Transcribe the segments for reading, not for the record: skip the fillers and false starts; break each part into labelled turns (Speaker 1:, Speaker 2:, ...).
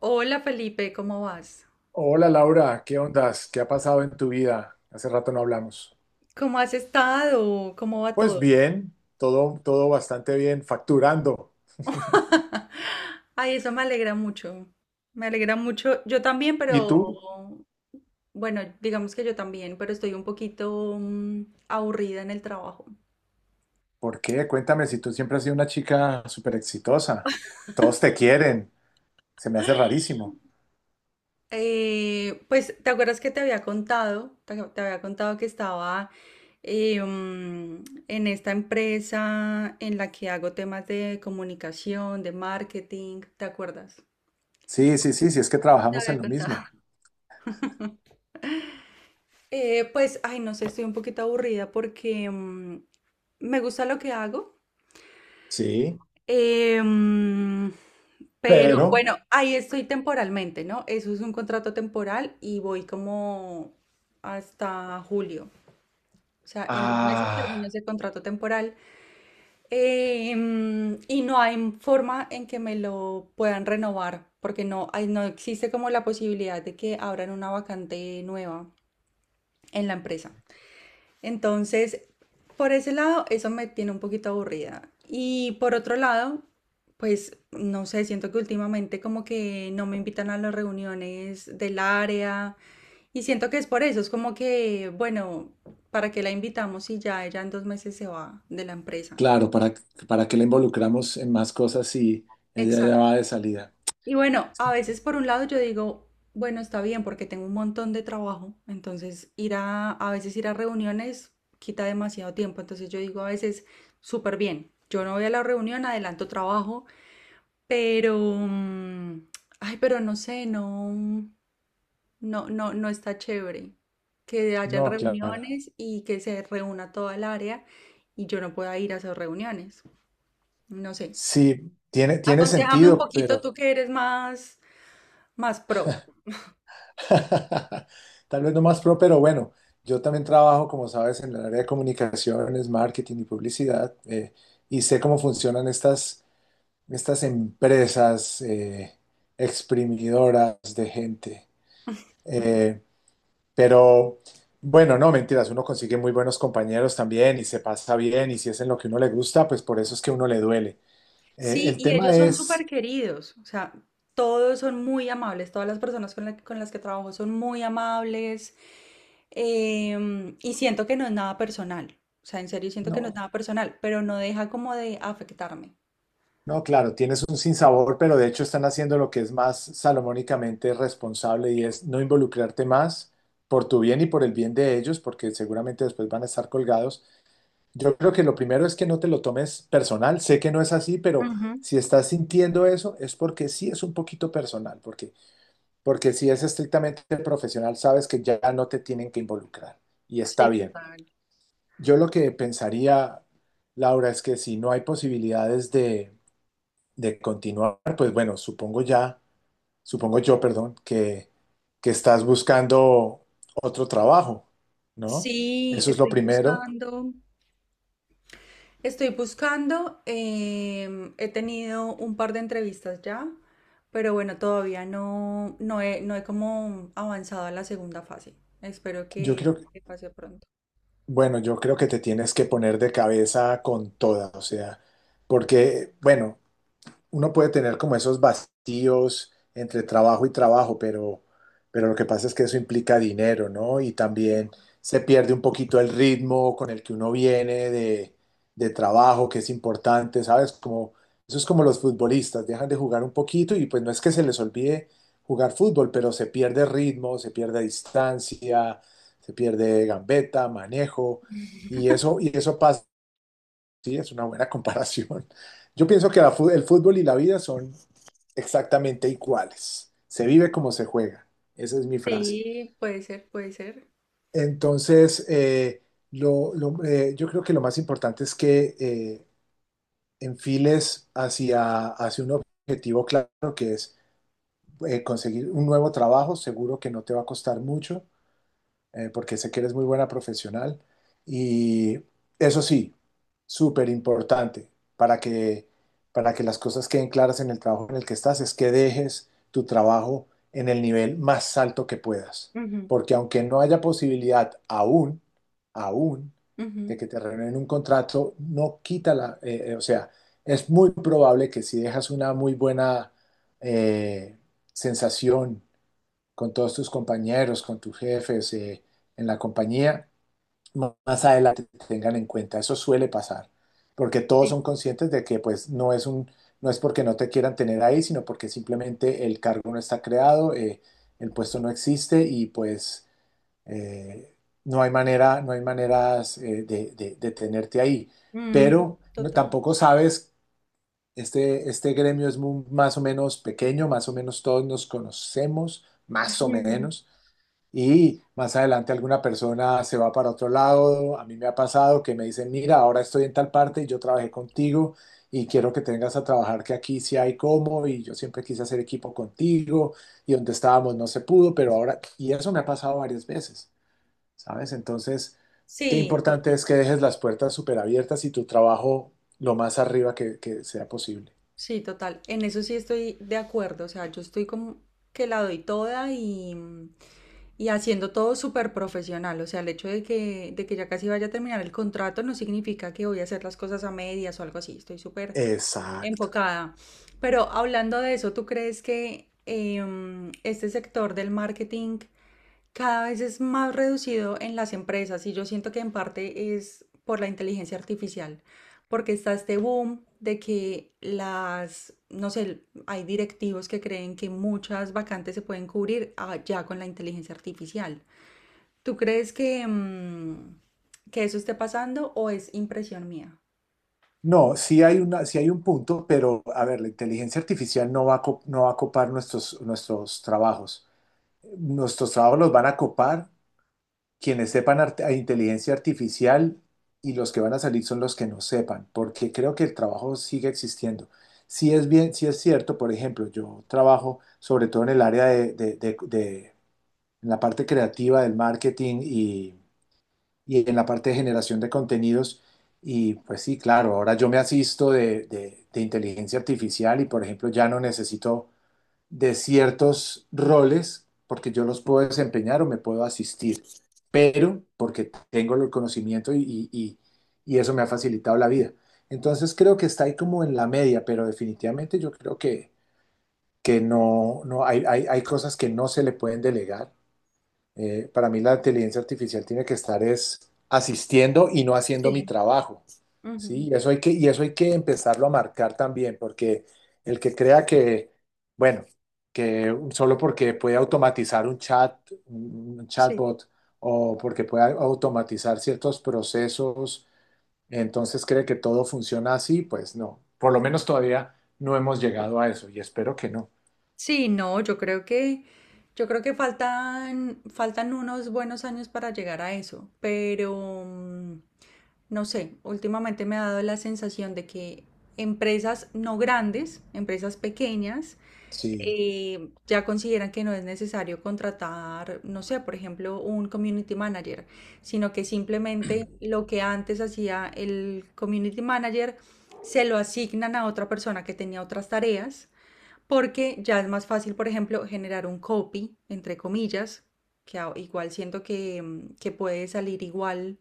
Speaker 1: Hola Felipe, ¿cómo vas?
Speaker 2: Hola Laura, ¿qué ondas? ¿Qué ha pasado en tu vida? Hace rato no hablamos.
Speaker 1: ¿Cómo has estado? ¿Cómo va
Speaker 2: Pues
Speaker 1: todo?
Speaker 2: bien, todo bastante bien, facturando.
Speaker 1: Ay, eso me alegra mucho. Me alegra mucho. Yo también,
Speaker 2: ¿Y
Speaker 1: pero
Speaker 2: tú?
Speaker 1: bueno, digamos que yo también, pero estoy un poquito aburrida en el trabajo.
Speaker 2: ¿Por qué? Cuéntame si tú siempre has sido una chica súper exitosa. Todos te quieren. Se me hace rarísimo.
Speaker 1: Pues, ¿te acuerdas que te había contado? Te había contado que estaba en esta empresa en la que hago temas de comunicación, de marketing, ¿te acuerdas?
Speaker 2: Sí, sí, sí, sí, es que
Speaker 1: Te
Speaker 2: trabajamos
Speaker 1: había
Speaker 2: en lo
Speaker 1: contado.
Speaker 2: mismo.
Speaker 1: Pues, ay, no sé, estoy un poquito aburrida porque me gusta lo que hago,
Speaker 2: Sí,
Speaker 1: eh, mm, pero
Speaker 2: pero,
Speaker 1: bueno, ahí estoy temporalmente, ¿no? Eso es un contrato temporal y voy como hasta julio. O sea, en dos meses termino
Speaker 2: ah,
Speaker 1: ese contrato temporal y no hay forma en que me lo puedan renovar porque no, no existe como la posibilidad de que abran una vacante nueva en la empresa. Entonces, por ese lado, eso me tiene un poquito aburrida. Y por otro lado, pues no sé, siento que últimamente como que no me invitan a las reuniones del área y siento que es por eso, es como que, bueno, ¿para qué la invitamos si ya ella en dos meses se va de la empresa?
Speaker 2: claro, para qué la involucramos en más cosas si ella ya
Speaker 1: Exacto.
Speaker 2: va de salida?
Speaker 1: Y bueno, a veces por un lado yo digo, bueno, está bien porque tengo un montón de trabajo, entonces ir a veces ir a reuniones quita demasiado tiempo, entonces yo digo a veces, súper bien, yo no voy a la reunión, adelanto trabajo, pero, ay, pero no sé, no, no, no, no está chévere que hayan
Speaker 2: No, claro.
Speaker 1: reuniones y que se reúna toda el área y yo no pueda ir a esas reuniones, no sé.
Speaker 2: Sí, tiene
Speaker 1: Aconséjame un
Speaker 2: sentido.
Speaker 1: poquito tú que eres más, más pro.
Speaker 2: Tal vez no más pro, pero bueno, yo también trabajo, como sabes, en el área de comunicaciones, marketing y publicidad, y sé cómo funcionan estas empresas exprimidoras de gente. Eh, pero bueno, no, mentiras, uno consigue muy buenos compañeros también y se pasa bien, y si es en lo que uno le gusta, pues por eso es que uno le duele.
Speaker 1: Sí,
Speaker 2: El
Speaker 1: y
Speaker 2: tema
Speaker 1: ellos son
Speaker 2: es,
Speaker 1: súper queridos, o sea, todos son muy amables, todas las personas con, con las que trabajo son muy amables y siento que no es nada personal, o sea, en serio siento que no es
Speaker 2: no.
Speaker 1: nada personal, pero no deja como de afectarme.
Speaker 2: No, claro, tienes un sinsabor, pero de hecho están haciendo lo que es más salomónicamente responsable y es no involucrarte más por tu bien y por el bien de ellos, porque seguramente después van a estar colgados. Yo creo que lo primero es que no te lo tomes personal. Sé que no es así, pero
Speaker 1: Ujú.
Speaker 2: si estás sintiendo eso es porque sí es un poquito personal, porque si es estrictamente profesional, sabes que ya no te tienen que involucrar y está
Speaker 1: Sí,
Speaker 2: bien.
Speaker 1: total.
Speaker 2: Yo lo que pensaría, Laura, es que si no hay posibilidades de continuar, pues bueno, supongo ya, supongo yo, perdón, que estás buscando otro trabajo, ¿no?
Speaker 1: Sí,
Speaker 2: Eso es lo
Speaker 1: estoy
Speaker 2: primero.
Speaker 1: buscando. Estoy buscando, em, he tenido un par de entrevistas ya, pero bueno, todavía no, no he como avanzado a la segunda fase. Espero
Speaker 2: Yo creo, que-
Speaker 1: que pase pronto.
Speaker 2: bueno, yo creo que te tienes que poner de cabeza con toda, o sea, porque, bueno, uno puede tener como esos vacíos entre trabajo y trabajo, pero lo que pasa es que eso implica dinero, ¿no? Y también se pierde un poquito el ritmo con el que uno viene de trabajo, que es importante, ¿sabes? Como, eso es como los futbolistas, dejan de jugar un poquito y pues no es que se les olvide jugar fútbol, pero se pierde ritmo, se pierde distancia, se pierde gambeta, manejo, y eso pasa. Sí, es una buena comparación. Yo pienso que el fútbol y la vida son exactamente iguales. Se vive como se juega. Esa es mi frase.
Speaker 1: Sí, puede ser, puede ser.
Speaker 2: Entonces, yo creo que lo más importante es que enfiles hacia un objetivo claro que es conseguir un nuevo trabajo. Seguro que no te va a costar mucho. Porque sé que eres muy buena profesional. Y eso sí, súper importante para que, para que las cosas queden claras en el trabajo en el que estás, es que dejes tu trabajo en el nivel más alto que puedas.
Speaker 1: Ujú,
Speaker 2: Porque aunque no haya posibilidad aún, de
Speaker 1: ujú,
Speaker 2: que te renueven un contrato, no quita la, o sea, es muy probable que si dejas una muy buena eh, sensación con todos tus compañeros, con tus jefes, en la compañía, más adelante te tengan en cuenta. Eso suele pasar, porque todos
Speaker 1: sí.
Speaker 2: son conscientes de que pues no es un, no es porque no te quieran tener ahí, sino porque simplemente el cargo no está creado, el puesto no existe y pues eh, no hay manera, no hay maneras de tenerte ahí.
Speaker 1: Mm,
Speaker 2: Pero
Speaker 1: total.
Speaker 2: tampoco sabes, este gremio es más o menos pequeño, más o menos todos nos conocemos, más o
Speaker 1: Ujú.
Speaker 2: menos. Y más adelante alguna persona se va para otro lado. A mí me ha pasado que me dicen, mira, ahora estoy en tal parte y yo trabajé contigo y quiero que tengas a trabajar que aquí sí hay cómo y yo siempre quise hacer equipo contigo y donde estábamos no se pudo, pero ahora, y eso me ha pasado varias veces, ¿sabes? Entonces, qué
Speaker 1: Sí,
Speaker 2: importante es
Speaker 1: total.
Speaker 2: que dejes las puertas súper abiertas y tu trabajo lo más arriba que sea posible.
Speaker 1: Sí, total. En eso sí estoy de acuerdo. O sea, yo estoy como que la doy toda y, y haciendo todo súper profesional. O sea, el hecho de que ya casi vaya a terminar el contrato no significa que voy a hacer las cosas a medias o algo así. Estoy súper
Speaker 2: Exacto.
Speaker 1: enfocada. Pero hablando de eso, ¿tú crees que este sector del marketing cada vez es más reducido en las empresas y yo siento que en parte es por la inteligencia artificial, porque está este boom de que las, no sé, hay directivos que creen que muchas vacantes se pueden cubrir ah, ya con la inteligencia artificial? ¿Tú crees que, que eso esté pasando o es impresión mía?
Speaker 2: No, sí hay un punto, pero a ver, la inteligencia artificial no va no va a copar nuestros trabajos. Nuestros trabajos los van a copar quienes sepan inteligencia artificial y los que van a salir son los que no sepan, porque creo que el trabajo sigue existiendo. Sí es bien, sí es cierto, por ejemplo, yo trabajo sobre todo en el área en la parte creativa del marketing y en la parte de generación de contenidos. Y pues sí, claro, ahora yo me asisto de inteligencia artificial y por ejemplo ya no necesito de ciertos roles porque yo los puedo desempeñar o me puedo asistir, pero porque tengo el conocimiento y eso me ha facilitado la vida. Entonces creo que está ahí como en la media, pero definitivamente yo creo que no, hay cosas que no se le pueden delegar. Para mí la inteligencia artificial tiene que estar es asistiendo y no haciendo mi
Speaker 1: Sí.
Speaker 2: trabajo,
Speaker 1: Ujú.
Speaker 2: ¿sí? Y eso hay que empezarlo a marcar también, porque el que crea que, bueno, que solo porque puede automatizar un chat, un
Speaker 1: Sí.
Speaker 2: chatbot, o porque puede automatizar ciertos procesos, entonces cree que todo funciona así, pues no. Por lo menos todavía no hemos llegado a eso y espero que no.
Speaker 1: Sí, no, yo creo que faltan, faltan unos buenos años para llegar a eso, pero no sé, últimamente me ha dado la sensación de que empresas no grandes, empresas pequeñas,
Speaker 2: Sí.
Speaker 1: ya consideran que no es necesario contratar, no sé, por ejemplo, un community manager, sino que simplemente lo que antes hacía el community manager se lo asignan a otra persona que tenía otras tareas porque ya es más fácil, por ejemplo, generar un copy, entre comillas, que igual siento que, que puede salir igual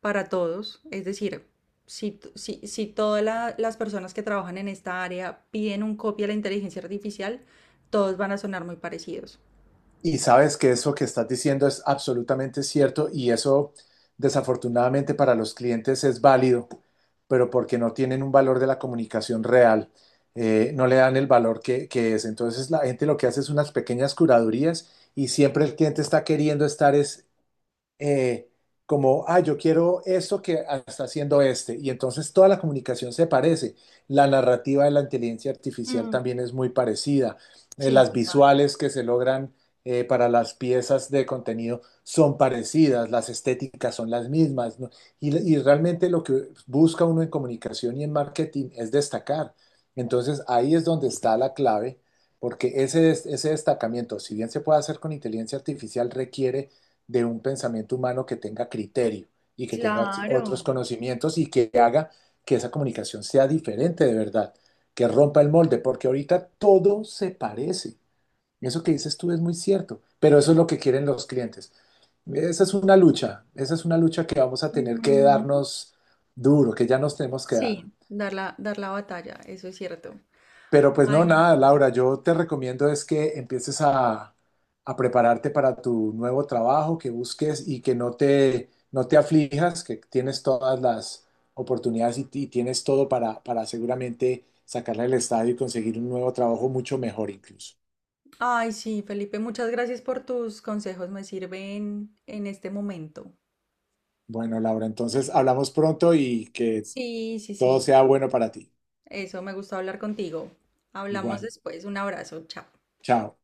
Speaker 1: para todos. Es decir, si, si, si todas las personas que trabajan en esta área piden un copy a la inteligencia artificial, todos van a sonar muy parecidos.
Speaker 2: Y sabes que eso que estás diciendo es absolutamente cierto y eso desafortunadamente para los clientes es válido, pero porque no tienen un valor de la comunicación real, no le dan el valor que es. Entonces la gente lo que hace es unas pequeñas curadurías y siempre el cliente está queriendo estar es eh, como, ah, yo quiero esto que está haciendo este. Y entonces toda la comunicación se parece. La narrativa de la inteligencia artificial
Speaker 1: Mm,
Speaker 2: también es muy parecida.
Speaker 1: sí,
Speaker 2: Las
Speaker 1: total.
Speaker 2: visuales que se logran para las piezas de contenido son parecidas, las estéticas son las mismas, ¿no? Y realmente lo que busca uno en comunicación y en marketing es destacar. Entonces ahí es donde está la clave. Porque ese destacamiento, si bien se puede hacer con inteligencia artificial, requiere de un pensamiento humano que tenga criterio y que tenga
Speaker 1: Claro.
Speaker 2: otros conocimientos y que haga que esa comunicación sea diferente de verdad, que rompa el molde, porque ahorita todo se parece. Eso que dices tú es muy cierto, pero eso es lo que quieren los clientes. Esa es una lucha, esa es una lucha que vamos a tener que
Speaker 1: Mm,
Speaker 2: darnos duro, que ya nos tenemos que dar.
Speaker 1: sí. Dar la batalla, eso es cierto.
Speaker 2: Pero pues
Speaker 1: Ay,
Speaker 2: no, nada, Laura, yo te recomiendo es que empieces a prepararte para tu nuevo trabajo, que busques y que no te aflijas, que tienes todas las oportunidades y tienes todo para seguramente sacarle el estadio y conseguir un nuevo trabajo mucho mejor incluso.
Speaker 1: ay, sí, Felipe, muchas gracias por tus consejos, me sirven en este momento.
Speaker 2: Bueno, Laura, entonces hablamos pronto y que
Speaker 1: Sí, sí,
Speaker 2: todo
Speaker 1: sí,
Speaker 2: sea bueno para ti.
Speaker 1: eso, me gustó hablar contigo. Hablamos
Speaker 2: Igual,
Speaker 1: después, un abrazo, chao.
Speaker 2: chao.